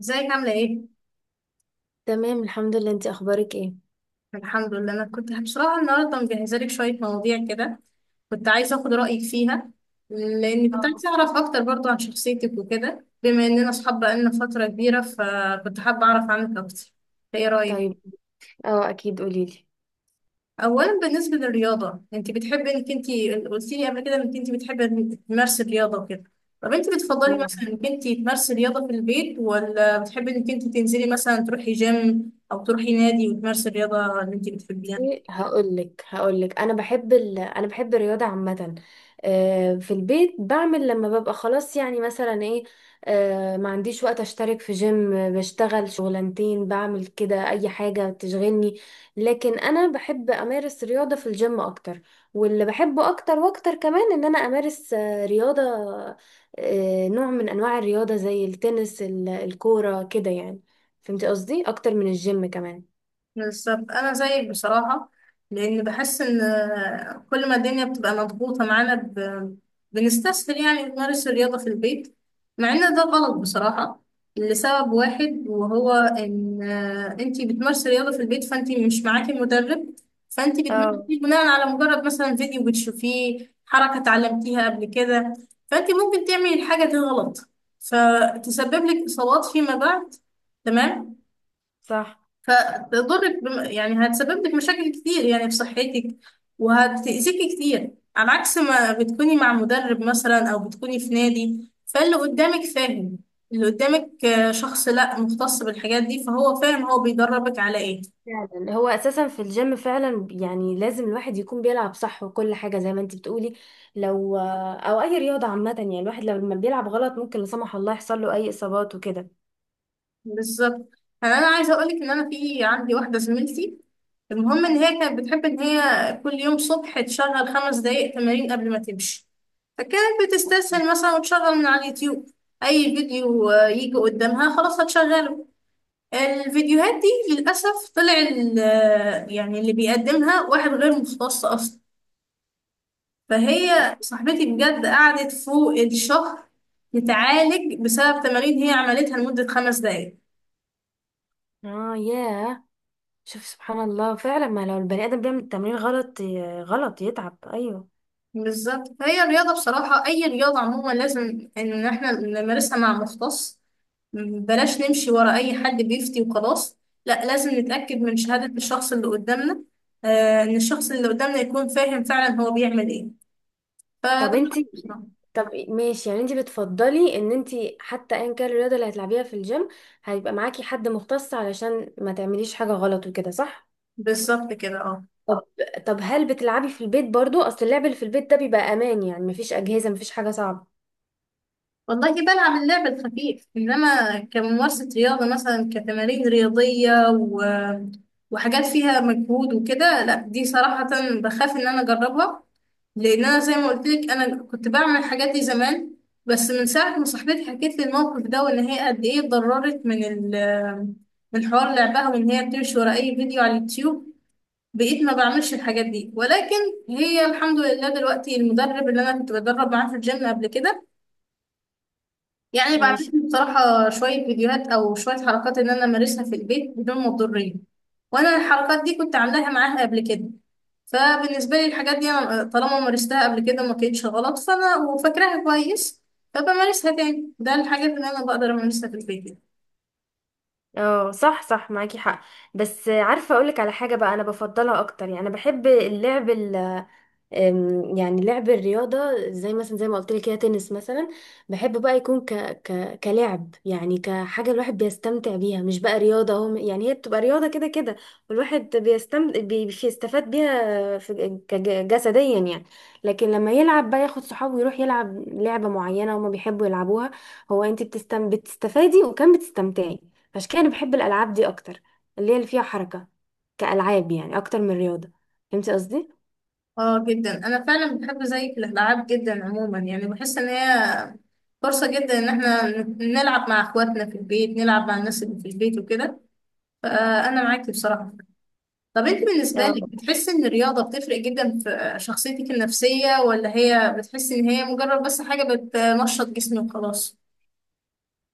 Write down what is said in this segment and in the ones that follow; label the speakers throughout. Speaker 1: ازيك عاملة ايه؟
Speaker 2: تمام الحمد لله، انتي اخبارك ايه؟
Speaker 1: الحمد لله. انا كنت بصراحة النهاردة مجهزة لك شوية مواضيع كده، كنت عايزة اخد رأيك فيها، لاني كنت
Speaker 2: آه.
Speaker 1: عايزة اعرف اكتر برضو عن شخصيتك وكده، بما اننا اصحاب بقالنا فترة كبيرة، فكنت حابة اعرف عنك اكتر. ايه رأيك؟
Speaker 2: طيب. اه اكيد قوليلي.
Speaker 1: اولا، بالنسبة للرياضة، انت بتحبي انك انت قلتي لي قبل كده انك انت بتحبي انك تمارسي الرياضة وكده. طب انت بتفضلي
Speaker 2: آه.
Speaker 1: مثلا انك انت تمارسي الرياضة في البيت، ولا بتحبي انك انت تنزلي مثلا تروحي جيم او تروحي نادي وتمارسي الرياضة اللي انت بتحبيها؟
Speaker 2: ايه، هقول لك انا بحب الرياضه عامه. في البيت بعمل لما ببقى خلاص، يعني مثلا ايه. ما عنديش وقت اشترك في جيم، بشتغل شغلانتين، بعمل كده اي حاجه تشغلني. لكن انا بحب امارس رياضه في الجيم اكتر، واللي بحبه اكتر واكتر كمان ان انا امارس رياضه، نوع من انواع الرياضه زي التنس الكوره كده يعني. فهمتي قصدي؟ اكتر من الجيم كمان.
Speaker 1: بالظبط، انا زيك بصراحه. لان بحس ان كل ما الدنيا بتبقى مضغوطه معانا بنستسهل يعني نمارس الرياضه في البيت. مع ان ده غلط بصراحه، لسبب واحد وهو ان انتي بتمارسي الرياضه في البيت، فانتي مش معاكي مدرب، فانتي
Speaker 2: اه،
Speaker 1: بتمارسي بناء على مجرد مثلا فيديو بتشوفيه، حركه اتعلمتيها قبل كده، فانتي ممكن تعملي الحاجه دي غلط، فتسبب لك اصابات فيما بعد. تمام.
Speaker 2: صح.
Speaker 1: فتضرك يعني هتسبب لك مشاكل كتير يعني في صحتك، وهتأذيكي كتير، على عكس ما بتكوني مع مدرب مثلا أو بتكوني في نادي، فاللي قدامك فاهم. اللي قدامك شخص لا مختص بالحاجات دي، فهو فاهم هو بيدربك على ايه.
Speaker 2: فعلا هو اساسا في الجيم فعلا يعني لازم الواحد يكون بيلعب صح، وكل حاجه زي ما انت بتقولي. لو او اي رياضه عامه يعني الواحد لو لما بيلعب غلط ممكن لا سمح الله يحصل له اي اصابات وكده.
Speaker 1: بالظبط. يعني انا عايزه اقولك ان انا في عندي واحده زميلتي. المهم ان هي كانت بتحب ان هي كل يوم صبح تشغل 5 دقايق تمارين قبل ما تمشي. فكانت بتستسهل مثلا وتشغل من على اليوتيوب اي فيديو يجي قدامها، خلاص هتشغله. الفيديوهات دي للاسف طلع يعني اللي بيقدمها واحد غير مختص اصلا. فهي صاحبتي بجد قعدت فوق الشهر تتعالج بسبب تمارين هي عملتها لمدة 5 دقايق.
Speaker 2: اه، ياه. شوف سبحان الله، فعلا ما لو البني ادم بيعمل التمرين غلط غلط يتعب، ايوه.
Speaker 1: بالظبط، هي الرياضة بصراحة أي رياضة عموما لازم إن إحنا نمارسها مع مختص. بلاش نمشي ورا أي حد بيفتي وخلاص. لا، لازم نتأكد من شهادة الشخص اللي قدامنا، إن الشخص اللي قدامنا يكون فاهم فعلا هو بيعمل إيه. فده
Speaker 2: طب انت
Speaker 1: رأيي بصراحة.
Speaker 2: طب ماشي، يعني انت بتفضلي ان انت حتى ايا كان الرياضه اللي هتلعبيها في الجيم هيبقى معاكي حد مختص علشان ما تعمليش حاجه غلط وكده، صح؟
Speaker 1: بالظبط كده، اه.
Speaker 2: طب طب هل بتلعبي في البيت برضو؟ اصل اللعب اللي في البيت ده بيبقى امان، يعني مفيش اجهزة مفيش حاجة صعبة.
Speaker 1: والله بلعب اللعب الخفيف إنما كممارسة رياضة مثلا كتمارين رياضية وحاجات فيها مجهود وكده. لا دي صراحة بخاف إن أنا أجربها. لأن أنا زي ما قلت لك أنا كنت بعمل الحاجات دي زمان. بس من ساعة ما صاحبتي حكيت لي الموقف ده، وإن هي قد إيه اتضررت من حوار لعبها، وإن هي بتمشي ورا أي فيديو على اليوتيوب، بقيت ما بعملش الحاجات دي. ولكن هي الحمد لله دلوقتي المدرب اللي أنا كنت بدرب معاه في الجيم قبل كده يعني بعتت
Speaker 2: ماشي.
Speaker 1: لي بصراحة شوية فيديوهات أو شوية حركات إن أنا أمارسها في البيت بدون مضرية. وأنا الحركات دي كنت عاملاها معاها قبل كده، فبالنسبة لي الحاجات دي أنا طالما مارستها قبل كده وما كانتش غلط، فأنا وفاكراها كويس، فبمارسها تاني. ده الحاجات اللي أنا بقدر أمارسها في البيت يعني.
Speaker 2: اه، صح صح، معاكي حق. بس عارفة اقولك على حاجة بقى، انا بفضلها اكتر، يعني انا بحب اللعب، يعني لعب الرياضة، زي مثلا زي ما قلت لك كده تنس مثلا. بحب بقى يكون كلعب، يعني كحاجة الواحد بيستمتع بيها مش بقى رياضة، هو يعني هي بتبقى رياضة كده كده، والواحد بيستفاد بيها جسديا يعني. لكن لما يلعب بقى ياخد صحابه ويروح يلعب لعبة معينة هما بيحبوا يلعبوها، هو انت بتستفادي وكمان بتستمتعي. عشان كده انا بحب الألعاب دي أكتر، اللي هي اللي فيها حركة، كألعاب يعني أكتر من رياضة. فهمتي قصدي؟
Speaker 1: اه جدا، أنا فعلا بحب زيك الألعاب جدا عموما، يعني بحس إن هي فرصة جدا إن احنا نلعب مع إخواتنا في البيت، نلعب مع الناس اللي في البيت وكده. فأنا معاكي بصراحة. طب انت بالنسبة لك بتحسي ان الرياضة بتفرق جدا في شخصيتك النفسية، ولا هي بتحسي ان هي مجرد بس حاجة بتنشط جسمك وخلاص؟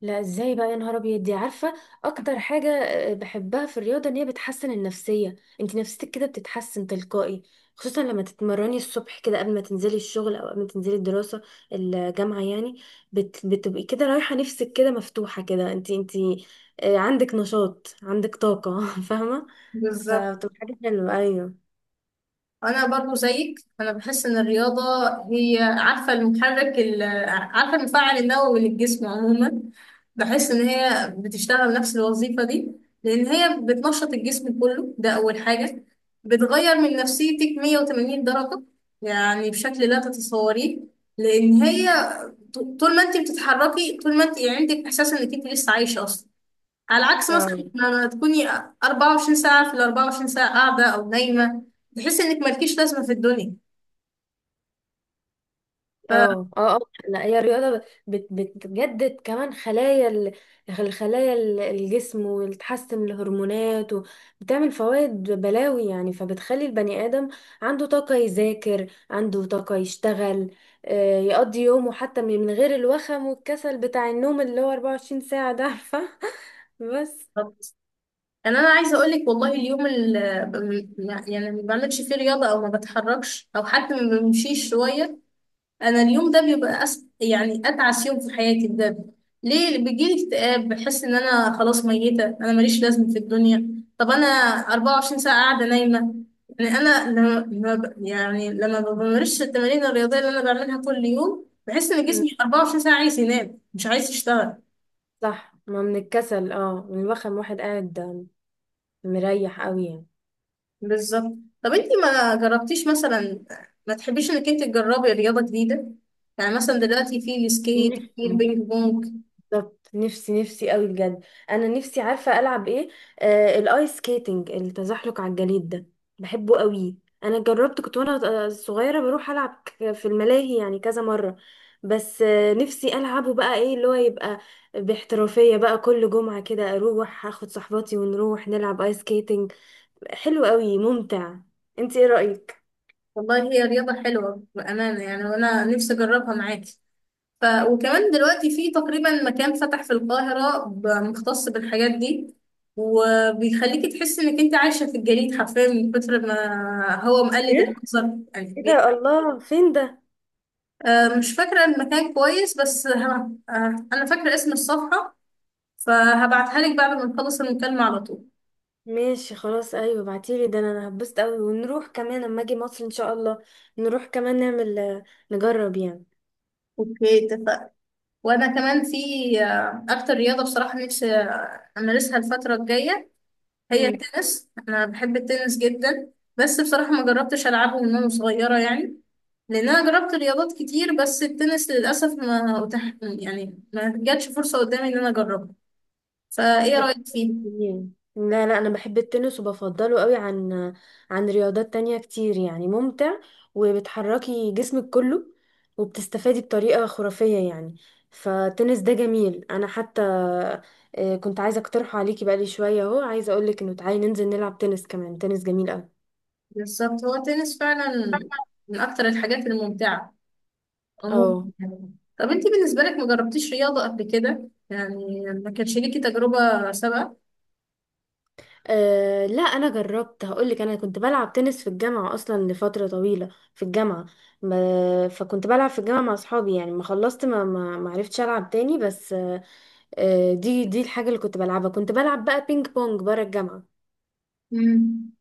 Speaker 2: لا، ازاي بقى يا نهار ابيض، دي عارفه اكتر حاجه بحبها في الرياضه ان هي بتحسن النفسيه. انت نفسيتك كده بتتحسن تلقائي، خصوصا لما تتمرني الصبح كده قبل ما تنزلي الشغل او قبل ما تنزلي الدراسه، الجامعه يعني. بتبقي كده رايحه، نفسك كده مفتوحه كده، انت عندك نشاط، عندك طاقه فاهمه؟
Speaker 1: بالظبط.
Speaker 2: فبتبقى حاجه حلوه، ايوه.
Speaker 1: انا برضو زيك، انا بحس ان الرياضه هي، عارفه، عارفه المفاعل النووي للجسم عموما. بحس ان هي بتشتغل نفس الوظيفه دي، لان هي بتنشط الجسم كله، ده اول حاجه. بتغير من نفسيتك 180 درجه، يعني بشكل لا تتصوريه. لان هي طول ما انت بتتحركي طول ما انت يعني عندك احساس انك انت لسه عايشه اصلا، على عكس مثلا لما تكوني 24 ساعة في ال 24 ساعة قاعدة أو نايمة، تحسي إنك مالكيش لازمة في الدنيا. ف
Speaker 2: اه اه اه. لا، هي الرياضة بتجدد كمان الجسم، وتحسن الهرمونات، وبتعمل فوائد بلاوي يعني، فبتخلي البني آدم عنده طاقة يذاكر، عنده طاقة يشتغل، يقضي يومه حتى من غير الوخم والكسل بتاع النوم اللي هو 24 ساعة ده، عارفة؟ بس.
Speaker 1: يعني أنا عايزة أقول لك والله اليوم اللي يعني ما بعملش فيه رياضة أو ما بتحركش أو حتى ما بمشيش شوية، انا اليوم ده بيبقى يعني اتعس يوم في حياتي ده. ليه؟ بيجيلي اكتئاب، بحس ان انا خلاص ميته، انا ماليش لازمه في الدنيا. طب انا 24 ساعه قاعده نايمه، يعني انا يعني لما ما بمارسش التمارين الرياضيه اللي انا بعملها كل يوم، بحس ان
Speaker 2: مم.
Speaker 1: جسمي 24 ساعه عايز ينام مش عايز يشتغل.
Speaker 2: صح، ما من الكسل، اه من الوخم، واحد قاعد مريح قوي يعني.
Speaker 1: بالظبط. طب انتي ما جربتيش مثلا، ما تحبيش انك انت تجربي رياضه جديده، يعني مثلا دلوقتي في السكيت، في البينج بونج.
Speaker 2: بالظبط، نفسي نفسي قوي بجد. انا نفسي عارفه العب ايه. الايس سكيتنج، التزحلق على الجليد ده، بحبه قوي. انا جربت، كنت وانا صغيره بروح العب في الملاهي يعني كذا مره، بس نفسي العبه بقى ايه اللي هو يبقى باحترافيه بقى، كل جمعه كده اروح اخد صحباتي ونروح نلعب ايس سكيتنج، حلو قوي، ممتع. انت ايه رايك؟
Speaker 1: والله هي رياضة حلوة بأمانة يعني، وأنا نفسي أجربها معاكي. ف... وكمان دلوقتي في تقريبا مكان فتح في القاهرة مختص بالحاجات دي، وبيخليكي تحسي إنك أنت عايشة في الجليد حرفيا من كتر ما هو مقلد
Speaker 2: إيه؟
Speaker 1: المنظر يعني
Speaker 2: ايه ده، الله فين ده؟
Speaker 1: مش فاكرة المكان كويس، بس أنا فاكرة اسم الصفحة، فهبعتها لك بعد ما نخلص المكالمة على طول.
Speaker 2: ماشي خلاص، ايوه ابعتيلي ده، انا هبسط قوي، ونروح كمان اما اجي مصر ان شاء الله نروح كمان نعمل، نجرب يعني.
Speaker 1: اوكي اتفقنا. وانا كمان في اكتر رياضه بصراحه نفسي امارسها الفتره الجايه هي
Speaker 2: امم.
Speaker 1: التنس. انا بحب التنس جدا. بس بصراحه ما جربتش العبه من وانا صغيره يعني، لان انا جربت رياضات كتير بس التنس للاسف ما أتاح، يعني ما جاتش فرصه قدامي ان انا اجربه. فايه رايك فيه؟
Speaker 2: يعني، لا لا، انا بحب التنس وبفضله قوي عن رياضات تانية كتير يعني، ممتع، وبتحركي جسمك كله، وبتستفادي بطريقة خرافية يعني. فالتنس ده جميل، انا حتى كنت عايزة اقترحه عليكي بقالي شوية اهو، عايزة اقولك انه تعالي ننزل نلعب تنس كمان، تنس جميل قوي.
Speaker 1: بالظبط، هو التنس فعلا من اكتر الحاجات الممتعه عموما
Speaker 2: اه.
Speaker 1: يعني. طب انت بالنسبه لك ما جربتيش رياضه قبل كده يعني، ما كانش ليكي تجربه سابقه؟
Speaker 2: أه لا، انا جربت، هقولك، انا كنت بلعب تنس في الجامعه اصلا لفتره طويله في الجامعه، ما فكنت بلعب في الجامعه مع اصحابي يعني، ما خلصت ما عرفتش العب تاني، بس أه آه، دي الحاجه اللي كنت بلعبها. كنت بلعب بقى بينج بونج بره الجامعه.
Speaker 1: مم.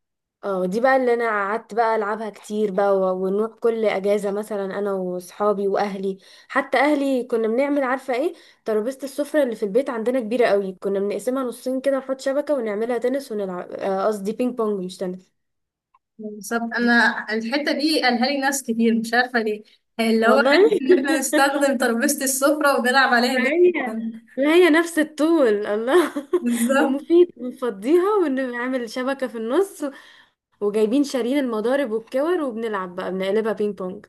Speaker 2: اه، دي بقى اللي انا قعدت بقى العبها كتير بقى، ونروح كل اجازه مثلا انا واصحابي واهلي، حتى اهلي كنا بنعمل، عارفه ايه، ترابيزه السفره اللي في البيت عندنا كبيره قوي، كنا بنقسمها نصين كده نحط شبكه ونعملها تنس ونلعب، قصدي بينج بونج مش تنس.
Speaker 1: بالظبط، انا الحته دي قالها لي ناس كتير مش عارفه ليه، يعني اللي هو
Speaker 2: والله
Speaker 1: حته ان احنا نستخدم ترابيزه السفره ونلعب عليها
Speaker 2: لا
Speaker 1: بينج
Speaker 2: هي
Speaker 1: بونج.
Speaker 2: لا هي نفس الطول، الله
Speaker 1: بالظبط.
Speaker 2: ومفيد، بنفضيها ونعمل شبكة في النص، وجايبين شارين المضارب والكور وبنلعب بقى، بنقلبها بينج بونج.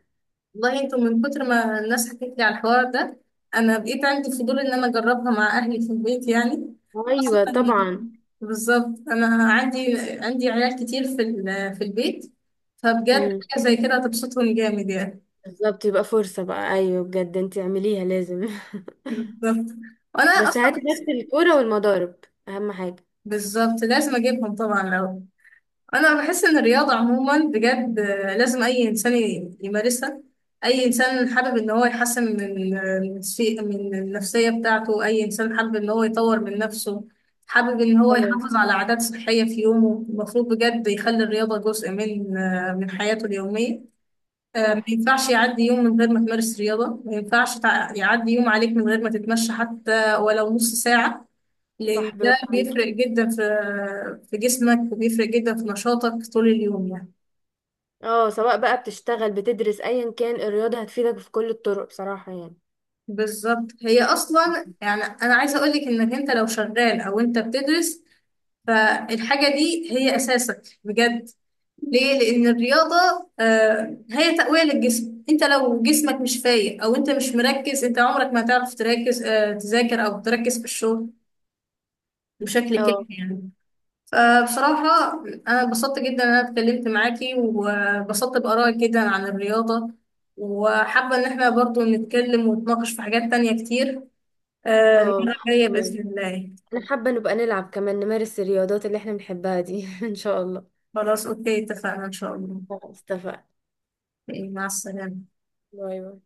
Speaker 1: والله انتوا من كتر ما الناس حكت لي على الحوار ده انا بقيت عندي فضول ان انا اجربها مع اهلي في البيت يعني. خاصه.
Speaker 2: ايوه طبعا.
Speaker 1: بالظبط، انا عندي عيال كتير في في البيت، فبجد
Speaker 2: امم.
Speaker 1: حاجه زي كده هتبسطهم جامد يعني.
Speaker 2: بالظبط، يبقى فرصة بقى، ايوه بجد انت اعمليها لازم.
Speaker 1: بالظبط، وانا
Speaker 2: بس هاتي
Speaker 1: اصلا.
Speaker 2: نفس الكورة والمضارب، اهم حاجة.
Speaker 1: بالظبط لازم اجيبهم طبعا لو. انا بحس ان الرياضه عموما بجد، لازم اي انسان يمارسها. اي انسان حابب ان هو يحسن من آه، من شيء- من النفسيه بتاعته، اي انسان حابب ان هو يطور من نفسه، حابب ان هو
Speaker 2: اه،
Speaker 1: يحافظ على عادات صحيه في يومه المفروض بجد يخلي الرياضه جزء من حياته اليوميه. ما
Speaker 2: صح
Speaker 1: ينفعش يعدي يوم من غير ما تمارس رياضه، ما ينفعش يعدي يوم عليك من غير ما تتمشى حتى ولو نص ساعه، لأن
Speaker 2: صح،
Speaker 1: ده
Speaker 2: برافو عليكي.
Speaker 1: بيفرق جدا في جسمك، وبيفرق جدا في نشاطك طول اليوم يعني.
Speaker 2: اه، سواء بقى بتشتغل بتدرس، ايا كان الرياضة هتفيدك في كل الطرق بصراحة يعني.
Speaker 1: بالظبط، هي أصلا يعني أنا عايزة أقولك إنك أنت لو شغال أو أنت بتدرس، فالحاجة دي هي أساسك بجد. ليه؟ لأن الرياضة هي تقوية للجسم. أنت لو جسمك مش فايق أو أنت مش مركز، أنت عمرك ما هتعرف تركز تذاكر أو تركز في الشغل بشكل كافي
Speaker 2: اه
Speaker 1: يعني. فبصراحة أنا اتبسطت جدا إن أنا اتكلمت معاكي، واتبسطت بآرائك جدا عن الرياضة، وحابة إن احنا برضو نتكلم ونتناقش في حاجات تانية كتير
Speaker 2: اه.
Speaker 1: المرة الجاية
Speaker 2: تمام.
Speaker 1: بإذن الله.
Speaker 2: انا حابة نبقى نلعب كمان، نمارس الرياضات اللي احنا بنحبها دي ان شاء الله.
Speaker 1: خلاص أوكي اتفقنا إن شاء الله.
Speaker 2: خلاص اتفقنا.
Speaker 1: إيه، مع السلامة.
Speaker 2: باي باي.